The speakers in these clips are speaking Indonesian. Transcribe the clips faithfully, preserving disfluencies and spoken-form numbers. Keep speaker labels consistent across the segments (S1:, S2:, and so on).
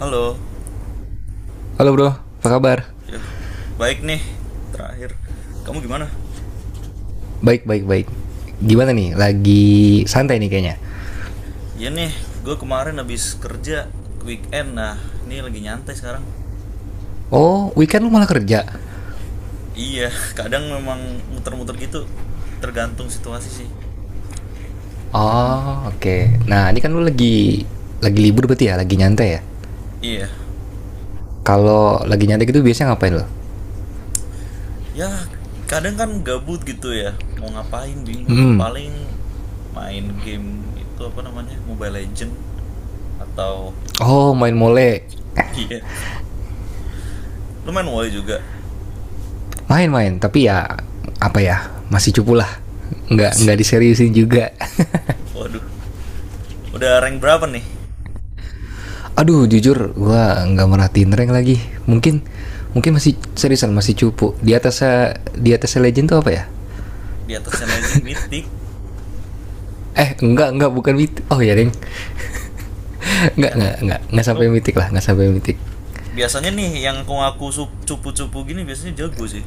S1: Halo,
S2: Halo bro, apa kabar?
S1: ya baik nih. Terakhir, kamu gimana?
S2: Baik, baik, baik. Gimana nih? Lagi santai nih kayaknya.
S1: Iya nih, gue kemarin habis kerja weekend. Nah, ini lagi nyantai sekarang.
S2: Oh, weekend lu malah kerja?
S1: Iya, kadang memang muter-muter gitu, tergantung situasi sih. Mm-mm.
S2: Oh, oke. Nah, ini kan lu lagi lagi libur berarti ya? Lagi nyantai ya?
S1: Iya,
S2: Kalau lagi nyantai gitu biasanya ngapain lo?
S1: ya kadang kan gabut gitu ya, mau ngapain bingung.
S2: Hmm.
S1: Paling main game itu apa namanya, Mobile Legend atau
S2: Oh, main mole.
S1: iya, lu main WoW juga.
S2: Main-main, tapi ya apa ya? Masih cupu lah. Nggak nggak
S1: Masih.
S2: diseriusin juga.
S1: Waduh, udah rank berapa nih?
S2: Aduh, jujur gua nggak merhatiin rank lagi. Mungkin mungkin masih seriusan, masih cupu. Di atasnya di atasnya legend tuh apa ya?
S1: Di atasnya Legend, Mythic,
S2: Eh, enggak, enggak, bukan mitik. Oh ya, Deng.
S1: Mythic
S2: Enggak,
S1: kan?
S2: enggak, enggak, enggak sampai
S1: Tuh,
S2: mitik lah, enggak sampai mitik.
S1: biasanya nih yang ngaku sup- cupu-cupu gini biasanya jago sih.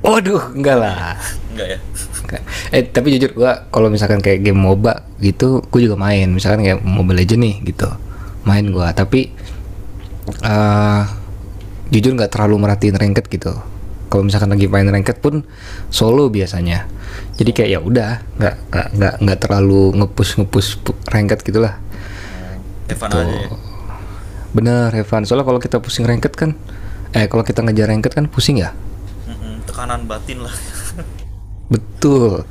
S2: Waduh, enggak
S1: Biasanya ya.
S2: lah.
S1: Enggak ya?
S2: Enggak. Eh, tapi jujur gua kalau misalkan kayak game M O B A gitu, gua juga main. Misalkan kayak Mobile Legends nih gitu. Main gua, tapi eh jujur nggak terlalu merhatiin ranked gitu. Kalau misalkan lagi main ranked pun solo biasanya. Jadi kayak
S1: Soalnya.
S2: ya udah, enggak enggak enggak enggak terlalu ngepush ngepush ranked gitulah.
S1: Oh, Evan
S2: Gitu,
S1: aja ya.
S2: bener Evan, soalnya kalau kita pusing ranked kan, eh kalau kita ngejar ranked kan pusing ya,
S1: Mm-mm, tekanan batin lah.
S2: betul.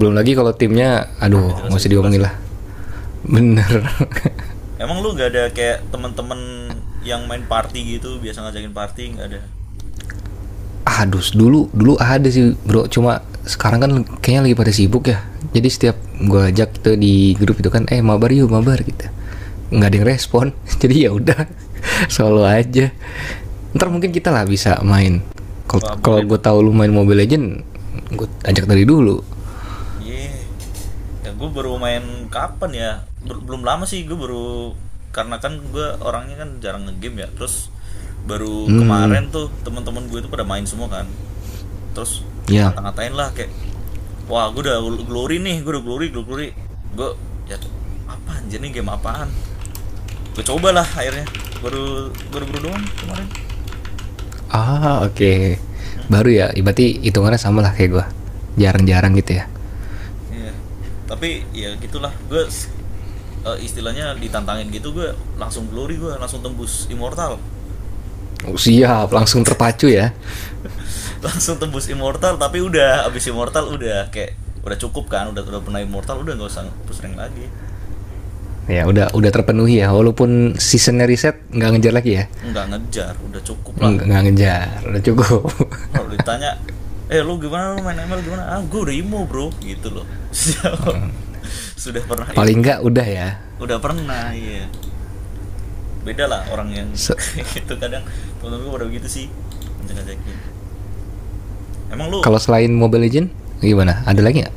S2: Belum lagi kalau
S1: Mm,
S2: timnya,
S1: gak
S2: aduh,
S1: jelas
S2: nggak
S1: gak
S2: usah
S1: jelas
S2: diomongin
S1: ya.
S2: lah,
S1: Iya.
S2: bener.
S1: Emang lu gak ada kayak temen-temen yang main party gitu, biasa ngajakin party nggak ada?
S2: Aduh, dulu dulu ada sih bro, cuma sekarang kan kayaknya lagi pada sibuk ya. Jadi setiap gua ajak gitu di grup itu kan, eh mabar yuk mabar gitu. Nggak ada yang respon, jadi ya udah solo aja. Ntar mungkin
S1: Oh,
S2: kita lah bisa main.
S1: wah
S2: Kalau- Kalau
S1: boleh
S2: gue
S1: tuh.
S2: tahu lu main Mobile Legend, gue ajak dari dulu.
S1: Yeah. Ya gue baru main kapan ya? Ber- belum lama sih gue baru karena kan gue orangnya kan jarang ngegame ya. Terus baru
S2: Hmm,
S1: kemarin tuh teman-teman gue itu pada main semua kan. Terus
S2: ya.
S1: ngata-ngatain lah kayak wah gue udah glory nih, gue udah glory, glory. Gue ya apa anjir nih game apaan? Gue cobalah akhirnya. Baru baru baru doang kemarin.
S2: Ah, oke. Okay. Baru ya, berarti hitungannya sama lah kayak gua. Jarang-jarang gitu ya.
S1: Iya. Tapi ya gitulah. Gue s- eh, istilahnya ditantangin gitu gue langsung glory, gue langsung tembus immortal.
S2: Oh, siap, langsung terpacu ya.
S1: Langsung tembus immortal tapi udah abis immortal udah kayak udah cukup kan udah udah pernah immortal, udah nggak usah sering lagi,
S2: Ya udah udah terpenuhi ya, walaupun seasonnya riset nggak ngejar lagi ya.
S1: nggak ngejar udah cukup lah.
S2: Nggak ngejar udah cukup.
S1: Kalau ditanya eh lu gimana, lu main M L gimana, ah gue udah imo bro gitu loh. Terus jawab, sudah pernah imo,
S2: Paling nggak udah ya.
S1: udah pernah, iya. Beda lah orang yang.
S2: Se-
S1: Itu kadang temen-temen gue pada begitu sih, ngajak-ngajakin. Emang lu
S2: kalau selain Mobile Legend gimana, ada
S1: ya,
S2: lagi nggak?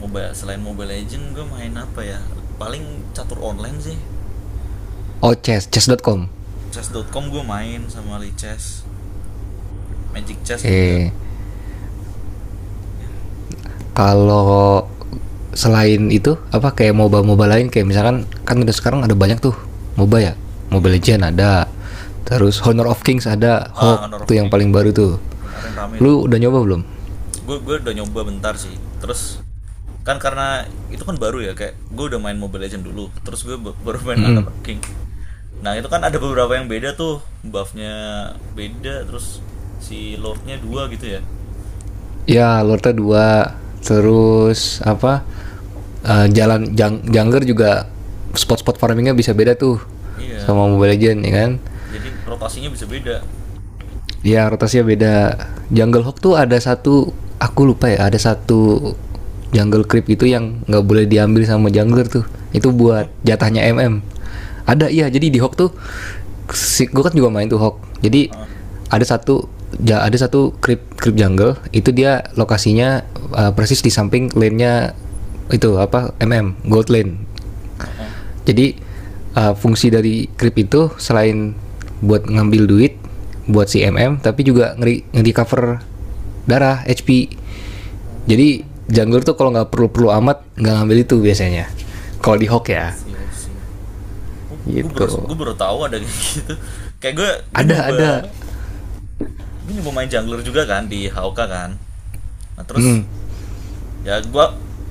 S1: MOBA selain Mobile Legend gue main apa ya? Paling catur online sih.
S2: Oh, chess chess.com.
S1: chess dot com gue main sama Lee Chess. Magic Chess juga.
S2: Oke.
S1: Ya.
S2: Kalau selain itu apa, kayak M O B A M O B A lain, kayak misalkan, kan udah sekarang ada banyak tuh M O B A ya.
S1: Oh,
S2: Mobile
S1: iya.
S2: Legend ada, terus Honor of Kings
S1: Dalam.
S2: ada,
S1: Ah,
S2: Hawk
S1: Honor of
S2: tuh yang
S1: King.
S2: paling baru tuh.
S1: Kemarin rame tuh.
S2: Lu udah nyoba belum?
S1: Gue gue udah nyoba bentar sih. Terus kan karena itu kan baru ya, kayak gue udah main Mobile Legend dulu. Terus gue ba- baru main Honor of
S2: Mm-mm.
S1: King. Nah, itu kan ada beberapa yang beda tuh. Buffnya beda, terus si Lordnya dua gitu ya.
S2: Ya, Lorta dua. Terus apa? eh, jalan Jang- Jangger juga, spot-spot farmingnya bisa beda tuh sama
S1: Iya,
S2: Mobile Legend ya kan.
S1: jadi rotasinya bisa beda.
S2: Iya, rotasinya beda. Jungle Hawk tuh ada satu, aku lupa ya, ada satu jungle creep itu yang nggak boleh diambil sama jungler tuh. Itu buat
S1: Oh,
S2: jatahnya M M. Ada, iya, jadi di Hawk tuh si gue kan juga main tuh Hawk. Jadi
S1: heeh.
S2: ada satu ja, ada satu creep creep jungle itu dia lokasinya, uh, persis di samping lane-nya, itu apa, M M gold lane,
S1: Heeh.
S2: jadi uh, fungsi dari krip itu selain buat ngambil duit buat si M M tapi juga ngeri ngeri cover darah H P.
S1: Oh,
S2: Jadi jungler tuh kalau nggak perlu-perlu amat nggak ngambil itu biasanya. Kalau di hook
S1: I
S2: ya
S1: see, I see. Oh, gue baru
S2: gitu.
S1: gue baru tahu ada kayak gitu. Kayak gue gue
S2: Ada,
S1: nyoba
S2: ada.
S1: gue nyoba main jungler juga kan di H O K kan. Nah,
S2: Hmm,
S1: terus ya gue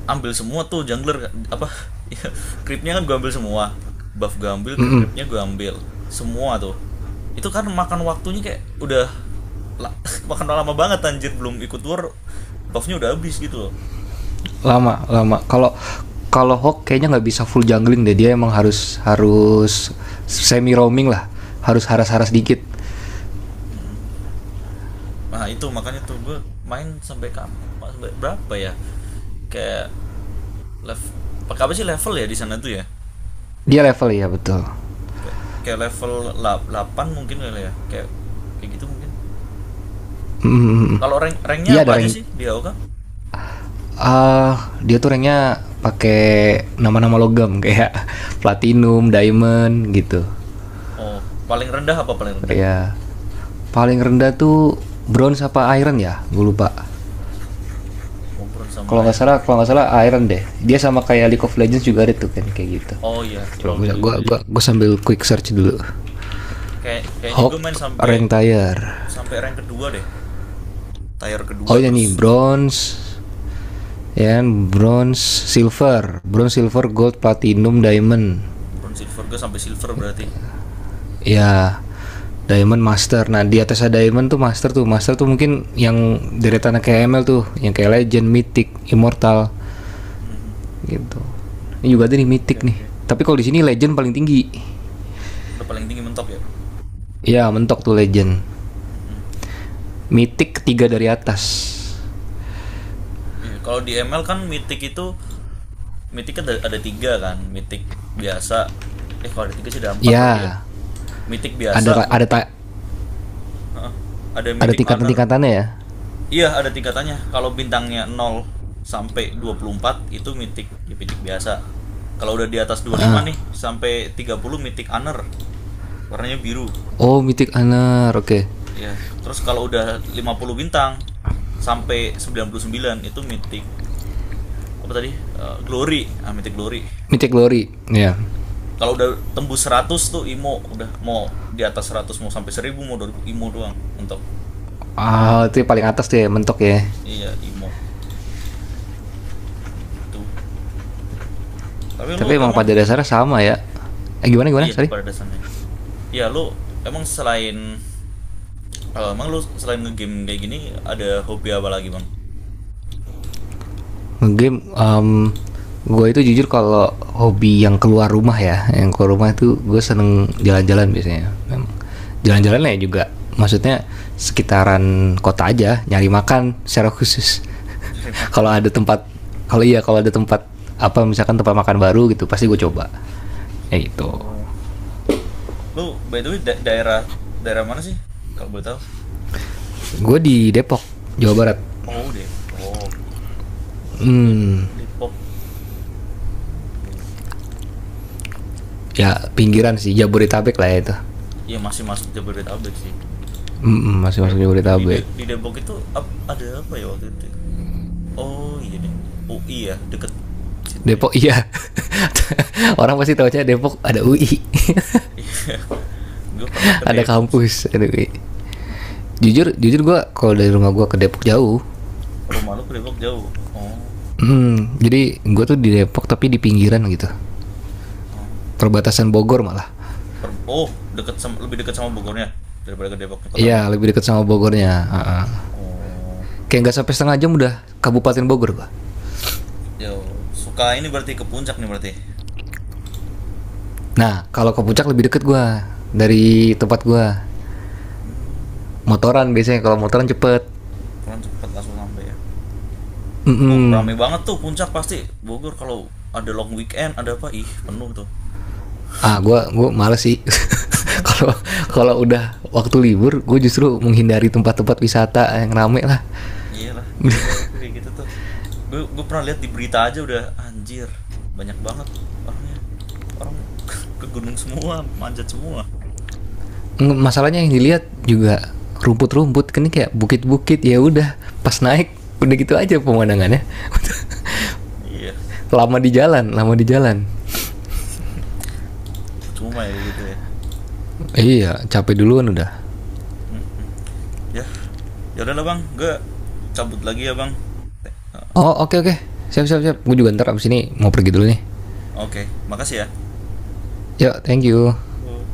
S1: ambil semua tuh jungler apa. Ya, creepnya kan gue ambil semua. Buff gue ambil, creep-creepnya gue ambil. Semua tuh. Itu kan makan waktunya kayak udah la- makan lama banget anjir, belum ikut war buffnya udah habis gitu loh.
S2: lama lama. Kalau kalau Hawk kayaknya nggak bisa full jungling deh, dia emang harus harus semi roaming lah, harus haras-haras dikit.
S1: Nah itu makanya tuh gue main sampai kap sampai berapa ya? Kayak level, pakai apa sih, level ya di sana tuh ya?
S2: Dia level ya, betul.
S1: Kayak, kayak level la- mungkin kali ya. Kayak kayak gitu mungkin.
S2: mm,
S1: Kalau rank ranknya
S2: Dia
S1: apa
S2: ada
S1: aja
S2: range.
S1: sih di AoK?
S2: Ah, dia tuh ranknya pakai nama-nama logam kayak platinum, diamond gitu.
S1: Oh, paling rendah apa paling rendah?
S2: Ya. Paling rendah tuh bronze apa iron ya? Gue lupa.
S1: Oh, bronze sama
S2: Kalau nggak
S1: air.
S2: salah, kalau nggak salah iron deh. Dia sama kayak League of Legends juga ada tuh kan kayak gitu.
S1: Oh iya,
S2: Coba
S1: LoL
S2: gue
S1: juga
S2: gue
S1: gitu ya.
S2: gue gua sambil quick search dulu.
S1: Kayak kayaknya
S2: Hawk
S1: gue main sampai
S2: rank tire.
S1: sampai rank kedua deh. Tier
S2: Oh,
S1: kedua
S2: ini
S1: terus
S2: nih bronze. Ya, kan, bronze, silver, bronze, silver, gold, platinum, diamond.
S1: bronze silver, gue sampai silver berarti.
S2: Ya, Diamond Master. Nah, di atas ada Diamond tuh Master tuh. Master tuh mungkin yang deretan kayak M L tuh, yang kayak Legend, Mythic, Immortal gitu. Ini juga ada nih
S1: Oke,
S2: Mythic nih.
S1: oke.
S2: Tapi kalau di sini Legend paling tinggi.
S1: Udah paling tinggi mentok ya?
S2: Ya, mentok tuh Legend. Mythic ketiga dari atas.
S1: Iya, kalau di M L kan mitik itu mitik ada, ada tiga kan, mitik biasa. Eh kalau ada tiga sih ada empat berarti ya.
S2: Ya,
S1: Mitik
S2: ada
S1: biasa, mitik,
S2: ada
S1: heeh, ada
S2: ada
S1: mitik honor.
S2: tingkatan-tingkatannya ya.
S1: Iya ada tingkatannya. Kalau bintangnya nol sampai dua puluh empat itu mitik ya mitik biasa. Kalau udah di atas dua puluh lima nih sampai tiga puluh mitik honor. Warnanya biru.
S2: Oh, Mythic Honor, oke. Okay.
S1: Ya, terus kalau udah lima puluh bintang sampai sembilan puluh sembilan itu mitik apa tadi? Eh, glory. Ah, mitik glory.
S2: Mythic Glory, ya.
S1: Kalau udah tembus seratus tuh IMO, udah mau di atas seratus, mau sampai seribu, mau dua ribu, IMO doang mentok.
S2: Ah, oh, itu paling atas tuh ya, mentok ya.
S1: Iya, IMO. Gitu. Tapi lu
S2: Tapi emang
S1: emang
S2: pada dasarnya sama ya. Eh gimana gimana?
S1: iya
S2: Sorry.
S1: pada dasarnya. Iya, lu emang selain eh, emang lu selain ngegame kayak gini ada hobi apa lagi, Bang?
S2: Game, um, gue itu jujur kalau hobi yang keluar rumah ya, yang keluar rumah itu gue seneng jalan-jalan biasanya. Memang.
S1: Jalan
S2: Jalan-jalan ya
S1: jalan,
S2: juga, maksudnya sekitaran kota aja, nyari makan secara khusus.
S1: cari
S2: kalau
S1: makan.
S2: ada tempat, kalau iya kalau ada tempat apa misalkan tempat makan baru gitu, pasti gue coba. Ya gitu.
S1: Oh. Lu by the way da- daerah daerah mana sih? Kalau boleh tahu?
S2: Gue di Depok, Jawa Barat.
S1: Oh, Depok. Dep Depok. Oh iya, iya.
S2: Ya pinggiran sih, Jabodetabek lah ya itu.
S1: Iya masih masuk Jabodetabek sih.
S2: Mm-mm, masih
S1: Kayak
S2: masuk
S1: kayak di
S2: Jabodetabek.
S1: De- di Depok itu ap- ada apa ya waktu itu. Oh iya deh, U I ya deket situ ya.
S2: Depok iya. Orang pasti tahu aja Depok ada U I,
S1: Iya gue pernah ke
S2: ada
S1: Depok sih.
S2: kampus, ada U I. Jujur, jujur gue kalau dari rumah gue ke Depok jauh.
S1: Rumah lu ke Depok jauh? Oh,
S2: Hmm, jadi gue tuh di Depok tapi di pinggiran gitu.
S1: ah.
S2: Perbatasan Bogor malah.
S1: Per- oh deket sama, lebih deket sama Bogornya daripada ke Depok kotanya.
S2: Iya, lebih dekat sama Bogornya. Heeh.
S1: Oh
S2: Kayak nggak sampai setengah jam udah Kabupaten Bogor gue.
S1: ya, suka ini berarti ke puncak nih berarti.
S2: Nah, kalau ke puncak lebih deket gue dari tempat gue.
S1: Hmm,
S2: Motoran biasanya, kalau motoran cepet.
S1: kurang cepet langsung sampai ya. Uh
S2: Mm-mm.
S1: rame banget tuh puncak pasti, Bogor kalau ada long weekend ada apa, ih penuh tuh.
S2: Ah, gue gue males sih. kalau kalau udah waktu libur, gue justru menghindari tempat-tempat wisata yang rame lah.
S1: Iyalah, gila itu kayak gitu tuh. Gue gue pernah lihat di berita aja udah anjir, banyak banget orangnya. Orang ke gunung semua, manjat semua.
S2: Masalahnya yang dilihat juga rumput-rumput kan, ini kayak bukit-bukit, ya udah pas naik udah gitu aja pemandangannya.
S1: Iya,
S2: Lama di jalan, lama di jalan.
S1: percuma ya kayak gitu ya.
S2: Iya, capek duluan udah.
S1: Hmm, ya, ya udahlah Bang, gue cabut lagi ya Bang.
S2: Oh, oke, oke. Siap, siap, siap, gue juga ntar abis ini mau pergi dulu nih.
S1: Oke, makasih
S2: Yuk, thank you.
S1: ya.